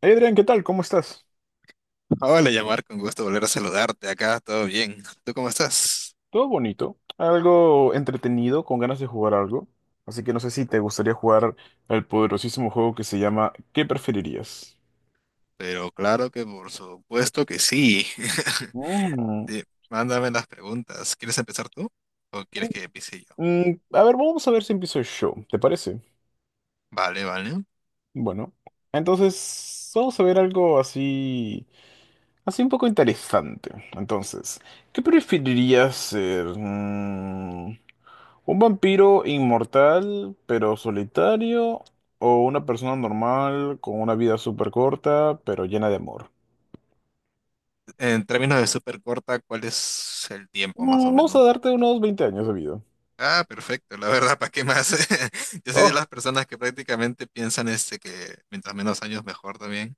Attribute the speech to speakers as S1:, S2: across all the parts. S1: Hey, Adrián, ¿qué tal? ¿Cómo estás?
S2: Hola, llamar, con gusto volver a saludarte acá, todo bien. ¿Tú cómo estás?
S1: Todo bonito, algo entretenido, con ganas de jugar algo. Así que no sé si te gustaría jugar el poderosísimo juego que se llama ¿Qué preferirías?
S2: Pero claro que por supuesto que sí.
S1: Mm,
S2: Di- Mándame las preguntas. ¿Quieres empezar tú o quieres que empiece yo?
S1: a ver, vamos a ver si empiezo yo, ¿te parece?
S2: Vale, vale.
S1: Bueno, entonces vamos a ver algo así, así un poco interesante. Entonces, ¿qué preferirías ser? ¿Un vampiro inmortal pero solitario o una persona normal con una vida súper corta pero llena de amor?
S2: En términos de súper corta, ¿cuál es el tiempo más o
S1: Vamos a
S2: menos?
S1: darte unos 20 años de vida.
S2: Ah, perfecto, la verdad, ¿para qué más? Yo soy de
S1: Oh,
S2: las personas que prácticamente piensan este que mientras menos años mejor también.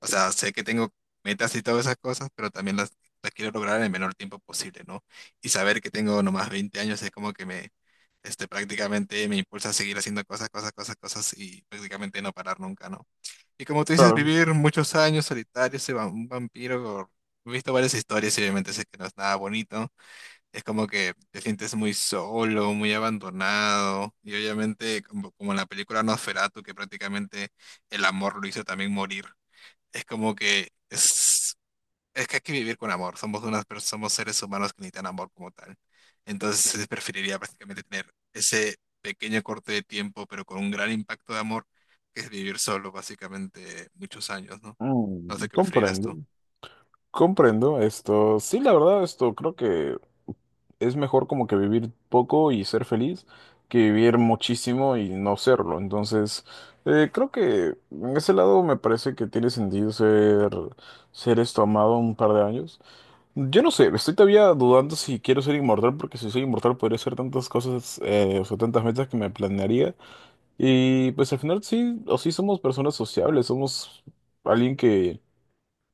S2: O sea, sé que tengo metas y todas esas cosas, pero también las quiero lograr en el menor tiempo posible, ¿no? Y saber que tengo nomás 20 años es como que este, prácticamente me impulsa a seguir haciendo cosas, cosas, cosas, cosas y prácticamente no parar nunca, ¿no? Y como tú dices,
S1: claro.
S2: vivir muchos años solitario, un vampiro, he visto varias historias y obviamente sé que no es nada bonito, es como que te sientes muy solo, muy abandonado. Y obviamente, como en la película Nosferatu, que prácticamente el amor lo hizo también morir. Es como que es que hay que vivir con amor. Somos somos seres humanos que necesitan amor como tal. Entonces, preferiría prácticamente tener ese pequeño corte de tiempo, pero con un gran impacto de amor, que es vivir solo, básicamente, muchos años, ¿no? No sé qué preferirías tú.
S1: Comprendo, esto. Sí, la verdad, esto creo que es mejor como que vivir poco y ser feliz que vivir muchísimo y no serlo. Entonces, creo que en ese lado me parece que tiene sentido ser, esto amado un par de años. Yo no sé, estoy todavía dudando si quiero ser inmortal, porque si soy inmortal podría hacer tantas cosas, o sea, tantas metas que me planearía. Y pues al final sí, o sí somos personas sociables, somos alguien que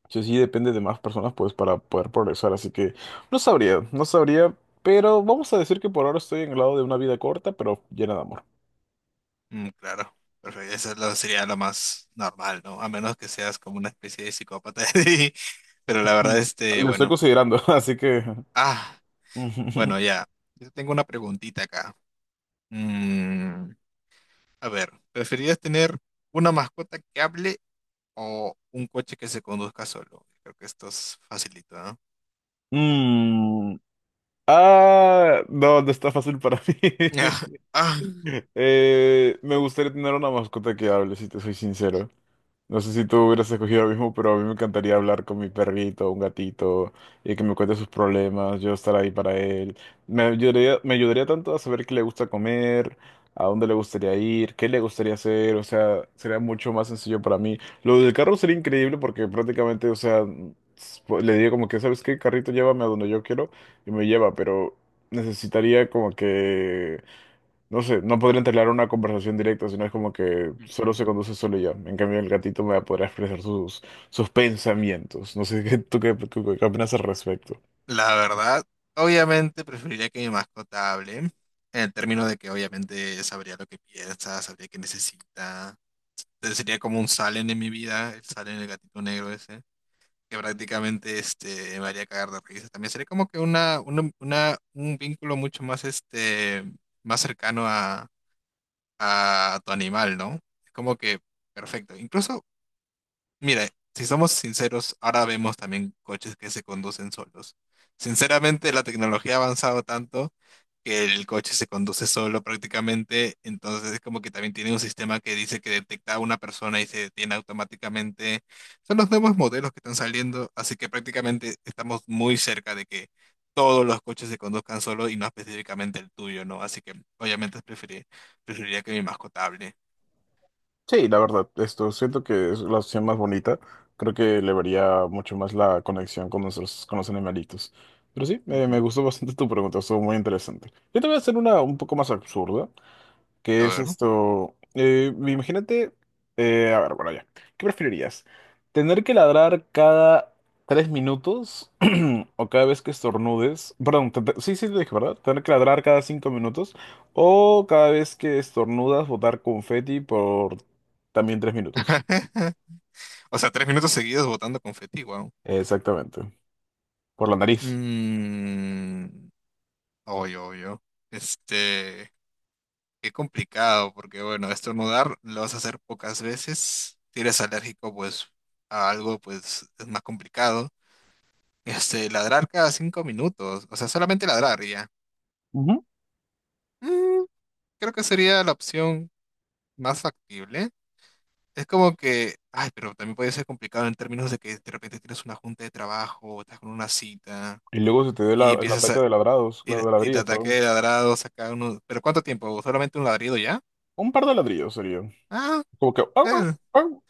S1: sí, sí depende de más personas pues para poder progresar, así que no sabría, pero vamos a decir que por ahora estoy en el lado de una vida corta, pero llena de amor.
S2: Mm, claro, perfecto. Eso es sería lo más normal, ¿no? A menos que seas como una especie de psicópata. Pero la verdad,
S1: Mm,
S2: este,
S1: Lo estoy
S2: bueno.
S1: considerando, así que...
S2: Ah, bueno, ya. Yo tengo una preguntita acá. Mm, a ver, ¿preferirías tener una mascota que hable o un coche que se conduzca solo? Creo que esto es facilito, ¿no?
S1: Mm, ah, no, no está fácil para mí.
S2: Ya. Ah,
S1: Me gustaría tener una mascota que hable, si te soy sincero. No sé si tú hubieras escogido lo mismo, pero a mí me encantaría hablar con mi perrito, un gatito, y que me cuente sus problemas, yo estar ahí para él. Me ayudaría, tanto a saber qué le gusta comer, a dónde le gustaría ir, qué le gustaría hacer, o sea, sería mucho más sencillo para mí. Lo del carro sería increíble porque prácticamente, o sea, pues, le diría como que, ¿sabes qué? Carrito, llévame a donde yo quiero y me lleva, pero necesitaría como que... No sé, no podría entablar una conversación directa, sino es como que solo
S2: ujú,
S1: se conduce solo y ya. En cambio, el gatito me va a poder expresar sus, pensamientos. No sé, ¿Tú qué opinas al respecto?
S2: la verdad, obviamente preferiría que mi mascota hable, en el término de que obviamente sabría lo que piensa, sabría qué necesita. Entonces sería como un Salen en mi vida, el Salen, el gatito negro ese, que prácticamente este, me haría cagar de risa. También sería como que un vínculo mucho más, este, más cercano a tu animal, ¿no? Es como que perfecto. Incluso mira, si somos sinceros, ahora vemos también coches que se conducen solos. Sinceramente, la tecnología ha avanzado tanto que el coche se conduce solo prácticamente, entonces es como que también tiene un sistema que dice que detecta a una persona y se detiene automáticamente. Son los nuevos modelos que están saliendo, así que prácticamente estamos muy cerca de que todos los coches se conduzcan solo y no específicamente el tuyo, ¿no? Así que obviamente preferiría que mi mascota hable.
S1: Sí, la verdad, esto siento que es la opción más bonita. Creo que le vería mucho más la conexión con nuestros, con los animalitos. Pero sí, me
S2: Ujú.
S1: gustó bastante tu pregunta, estuvo muy interesante. Yo te voy a hacer una un poco más absurda.
S2: A
S1: ¿Qué es
S2: ver, ¿no?
S1: esto? Imagínate, a ver, bueno, ya. ¿Qué preferirías? ¿Tener que ladrar cada 3 minutos o cada vez que estornudes? Perdón, sí, sí, te dije, ¿verdad? ¿Tener que ladrar cada 5 minutos o cada vez que estornudas botar confeti por también 3 minutos?
S2: O sea, 3 minutos seguidos botando confeti, wow.
S1: Exactamente, por la nariz.
S2: Mmm. Obvio, obvio. Este, qué complicado, porque bueno, estornudar lo vas a hacer pocas veces. Si eres alérgico, pues, a algo, pues, es más complicado. Este, ladrar cada 5 minutos. O sea, solamente ladrar y ya.
S1: Ujú.
S2: Mm, creo que sería la opción más factible. Es como que, ay, pero también puede ser complicado en términos de que de repente tienes una junta de trabajo, estás con una cita
S1: Y luego se te dé
S2: y
S1: el
S2: empiezas
S1: ataque
S2: a,
S1: de ladrados,
S2: y,
S1: claro,
S2: le-
S1: de
S2: y le
S1: ladridos,
S2: ataqué
S1: perdón.
S2: de ladrados acá uno. ¿Pero cuánto tiempo? ¿Solamente un ladrido ya?
S1: Un par de ladrillos sería.
S2: Ah,
S1: Como que... "Au, au,
S2: eh,
S1: au".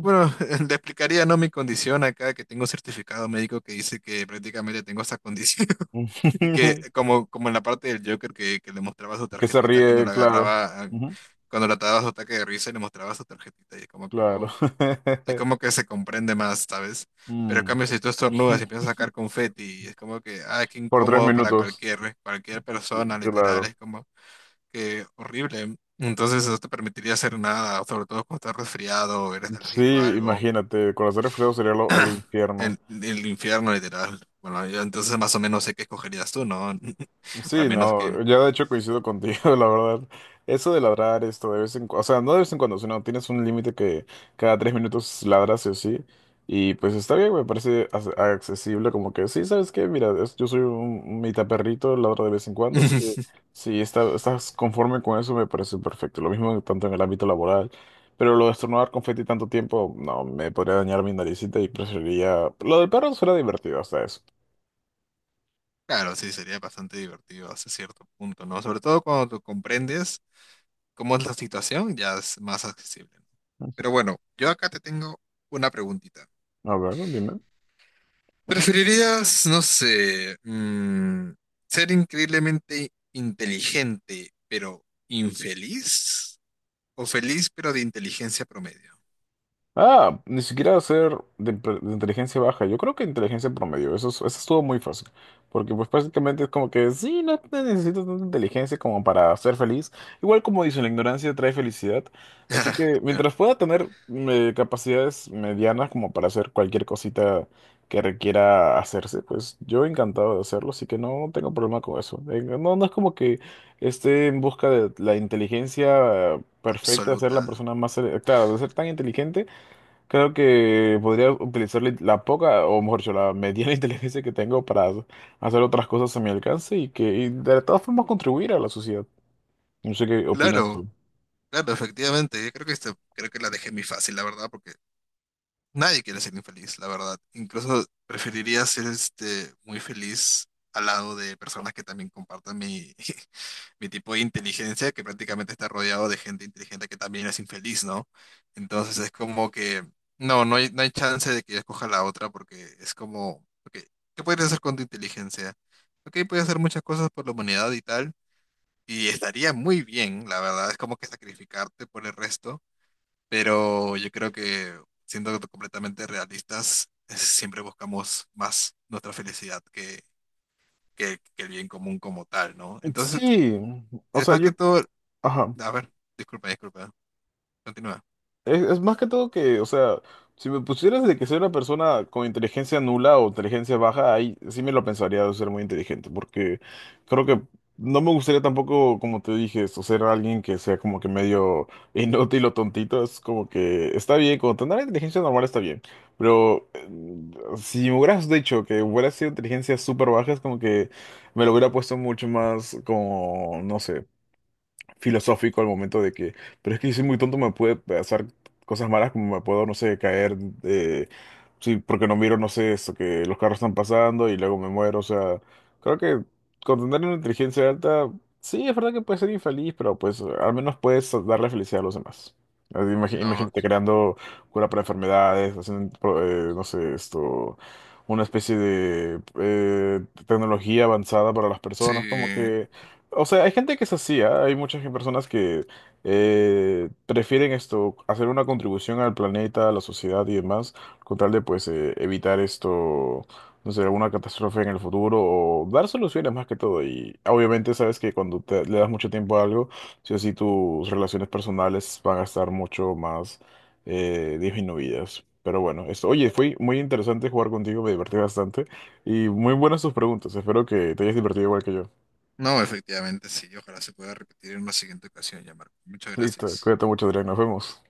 S2: bueno, le explicaría, ¿no? Mi condición acá, que tengo un certificado médico que dice que prácticamente tengo esta condición. Y que como, como en la parte del Joker que le mostraba su
S1: Que se
S2: tarjetita cuando
S1: ríe,
S2: la
S1: claro.
S2: agarraba, ah,
S1: Ujú,
S2: cuando le ataba su ataque de risa y le mostraba su tarjetita. Y es como que,
S1: claro.
S2: oh, es como que se comprende más, ¿sabes? Pero en
S1: Mm.
S2: cambio, si tú estornudas y empiezas a sacar confeti, es como que, ah, qué
S1: Por tres
S2: incómodo para
S1: minutos.
S2: cualquier, cualquier
S1: Sí,
S2: persona, literal.
S1: claro.
S2: Es como... que horrible. Entonces no te permitiría hacer nada, sobre todo cuando estás resfriado o eres alérgico a
S1: Sí,
S2: algo.
S1: imagínate, con hacer frío sería el infierno.
S2: El infierno, literal. Bueno, yo entonces más o menos sé qué escogerías tú, ¿no? O al
S1: Sí,
S2: menos
S1: no,
S2: que...
S1: yo de hecho coincido contigo, la verdad. Eso de ladrar esto de vez en cuando, o sea, no de vez en cuando, sino tienes un límite que cada 3 minutos ladras sí o sí. Y pues está bien, me parece accesible, como que sí, ¿sabes qué? Mira, yo soy un mitad perrito, ladro de vez en cuando, así que si estás conforme con eso, me parece perfecto. Lo mismo tanto en el ámbito laboral, pero lo de estornudar confeti tanto tiempo, no, me podría dañar mi naricita y preferiría... Lo del perro suena divertido hasta eso.
S2: Claro, sí, sería bastante divertido hasta cierto punto, ¿no? Sobre todo cuando tú comprendes cómo es la situación, ya es más accesible, ¿no? Pero bueno, yo acá te tengo una preguntita.
S1: A ver, dime.
S2: ¿Preferirías, no sé, mm, ser increíblemente inteligente pero infeliz? ¿O feliz pero de inteligencia promedio?
S1: Ah, ni siquiera hacer de, de inteligencia baja. Yo creo que inteligencia promedio. Eso, eso estuvo muy fácil. Porque pues prácticamente es como que sí, no te necesitas tanta inteligencia como para ser feliz. Igual como dicen, la ignorancia trae felicidad. Así que
S2: Claro,
S1: mientras pueda tener capacidades medianas como para hacer cualquier cosita que requiera hacerse, pues yo encantado de hacerlo. Así que no tengo problema con eso. No, no es como que esté en busca de la inteligencia perfecta, de ser la
S2: absoluta.
S1: persona más... claro, de ser tan inteligente. Creo que podría utilizar la poca, o mejor dicho, la mediana inteligencia que tengo para hacer otras cosas a mi alcance y de todas formas contribuir a la sociedad. No sé qué opinas
S2: Claro,
S1: tú.
S2: claro, efectivamente. Yo creo que esta, creo que la dejé muy fácil, la verdad, porque nadie quiere ser infeliz, la verdad. Incluso preferiría ser este muy feliz al lado de personas que también compartan mi, mi tipo de inteligencia, que prácticamente está rodeado de gente inteligente que también es infeliz, ¿no? Entonces es como que, no, no hay chance de que yo escoja la otra porque es como, ok, ¿qué podrías hacer con tu inteligencia? Ok, puedes hacer muchas cosas por la humanidad y tal, y estaría muy bien, la verdad, es como que sacrificarte por el resto, pero yo creo que siendo completamente realistas, siempre buscamos más nuestra felicidad que el bien común como tal, ¿no? Entonces,
S1: Sí, o
S2: es
S1: sea,
S2: más
S1: yo,
S2: que todo
S1: ajá.
S2: a ver, disculpa, disculpa. Continúa.
S1: Es más que todo que, o sea, si me pusieras de que soy una persona con inteligencia nula o inteligencia baja, ahí sí me lo pensaría de ser muy inteligente, porque creo que no me gustaría tampoco, como te dije, esto, ser alguien que sea como que medio inútil o tontito. Es como que está bien, con tener inteligencia normal está bien, pero si me hubieras dicho que hubiera sido inteligencia súper baja, es como que me lo hubiera puesto mucho más como, no sé filosófico al momento de que, pero es que si soy muy tonto me puede pasar cosas malas como me puedo, no sé, caer, eh, sí, porque no miro, no sé, eso, que los carros están pasando y luego me muero, o sea, creo que con tener una inteligencia alta, sí, es verdad que puede ser infeliz, pero pues al menos puedes darle felicidad a los demás. Así,
S2: No,
S1: imagínate creando cura para enfermedades, haciendo, no sé, esto, una especie de tecnología avanzada para las
S2: sí.
S1: personas, como que... O sea, hay gente que es así, ¿ah? Hay muchas personas que prefieren esto, hacer una contribución al planeta, a la sociedad y demás, con tal de pues evitar esto, no sé, alguna catástrofe en el futuro o dar soluciones más que todo. Y obviamente sabes que cuando le das mucho tiempo a algo, sí o sí tus relaciones personales van a estar mucho más disminuidas. Pero bueno, esto, oye, fue muy interesante jugar contigo, me divertí bastante y muy buenas tus preguntas. Espero que te hayas divertido igual que yo.
S2: No, efectivamente, sí. Ojalá se pueda repetir en una siguiente ocasión, ya, Marco. Muchas
S1: Listo,
S2: gracias.
S1: cuídate mucho, Adrián, nos vemos.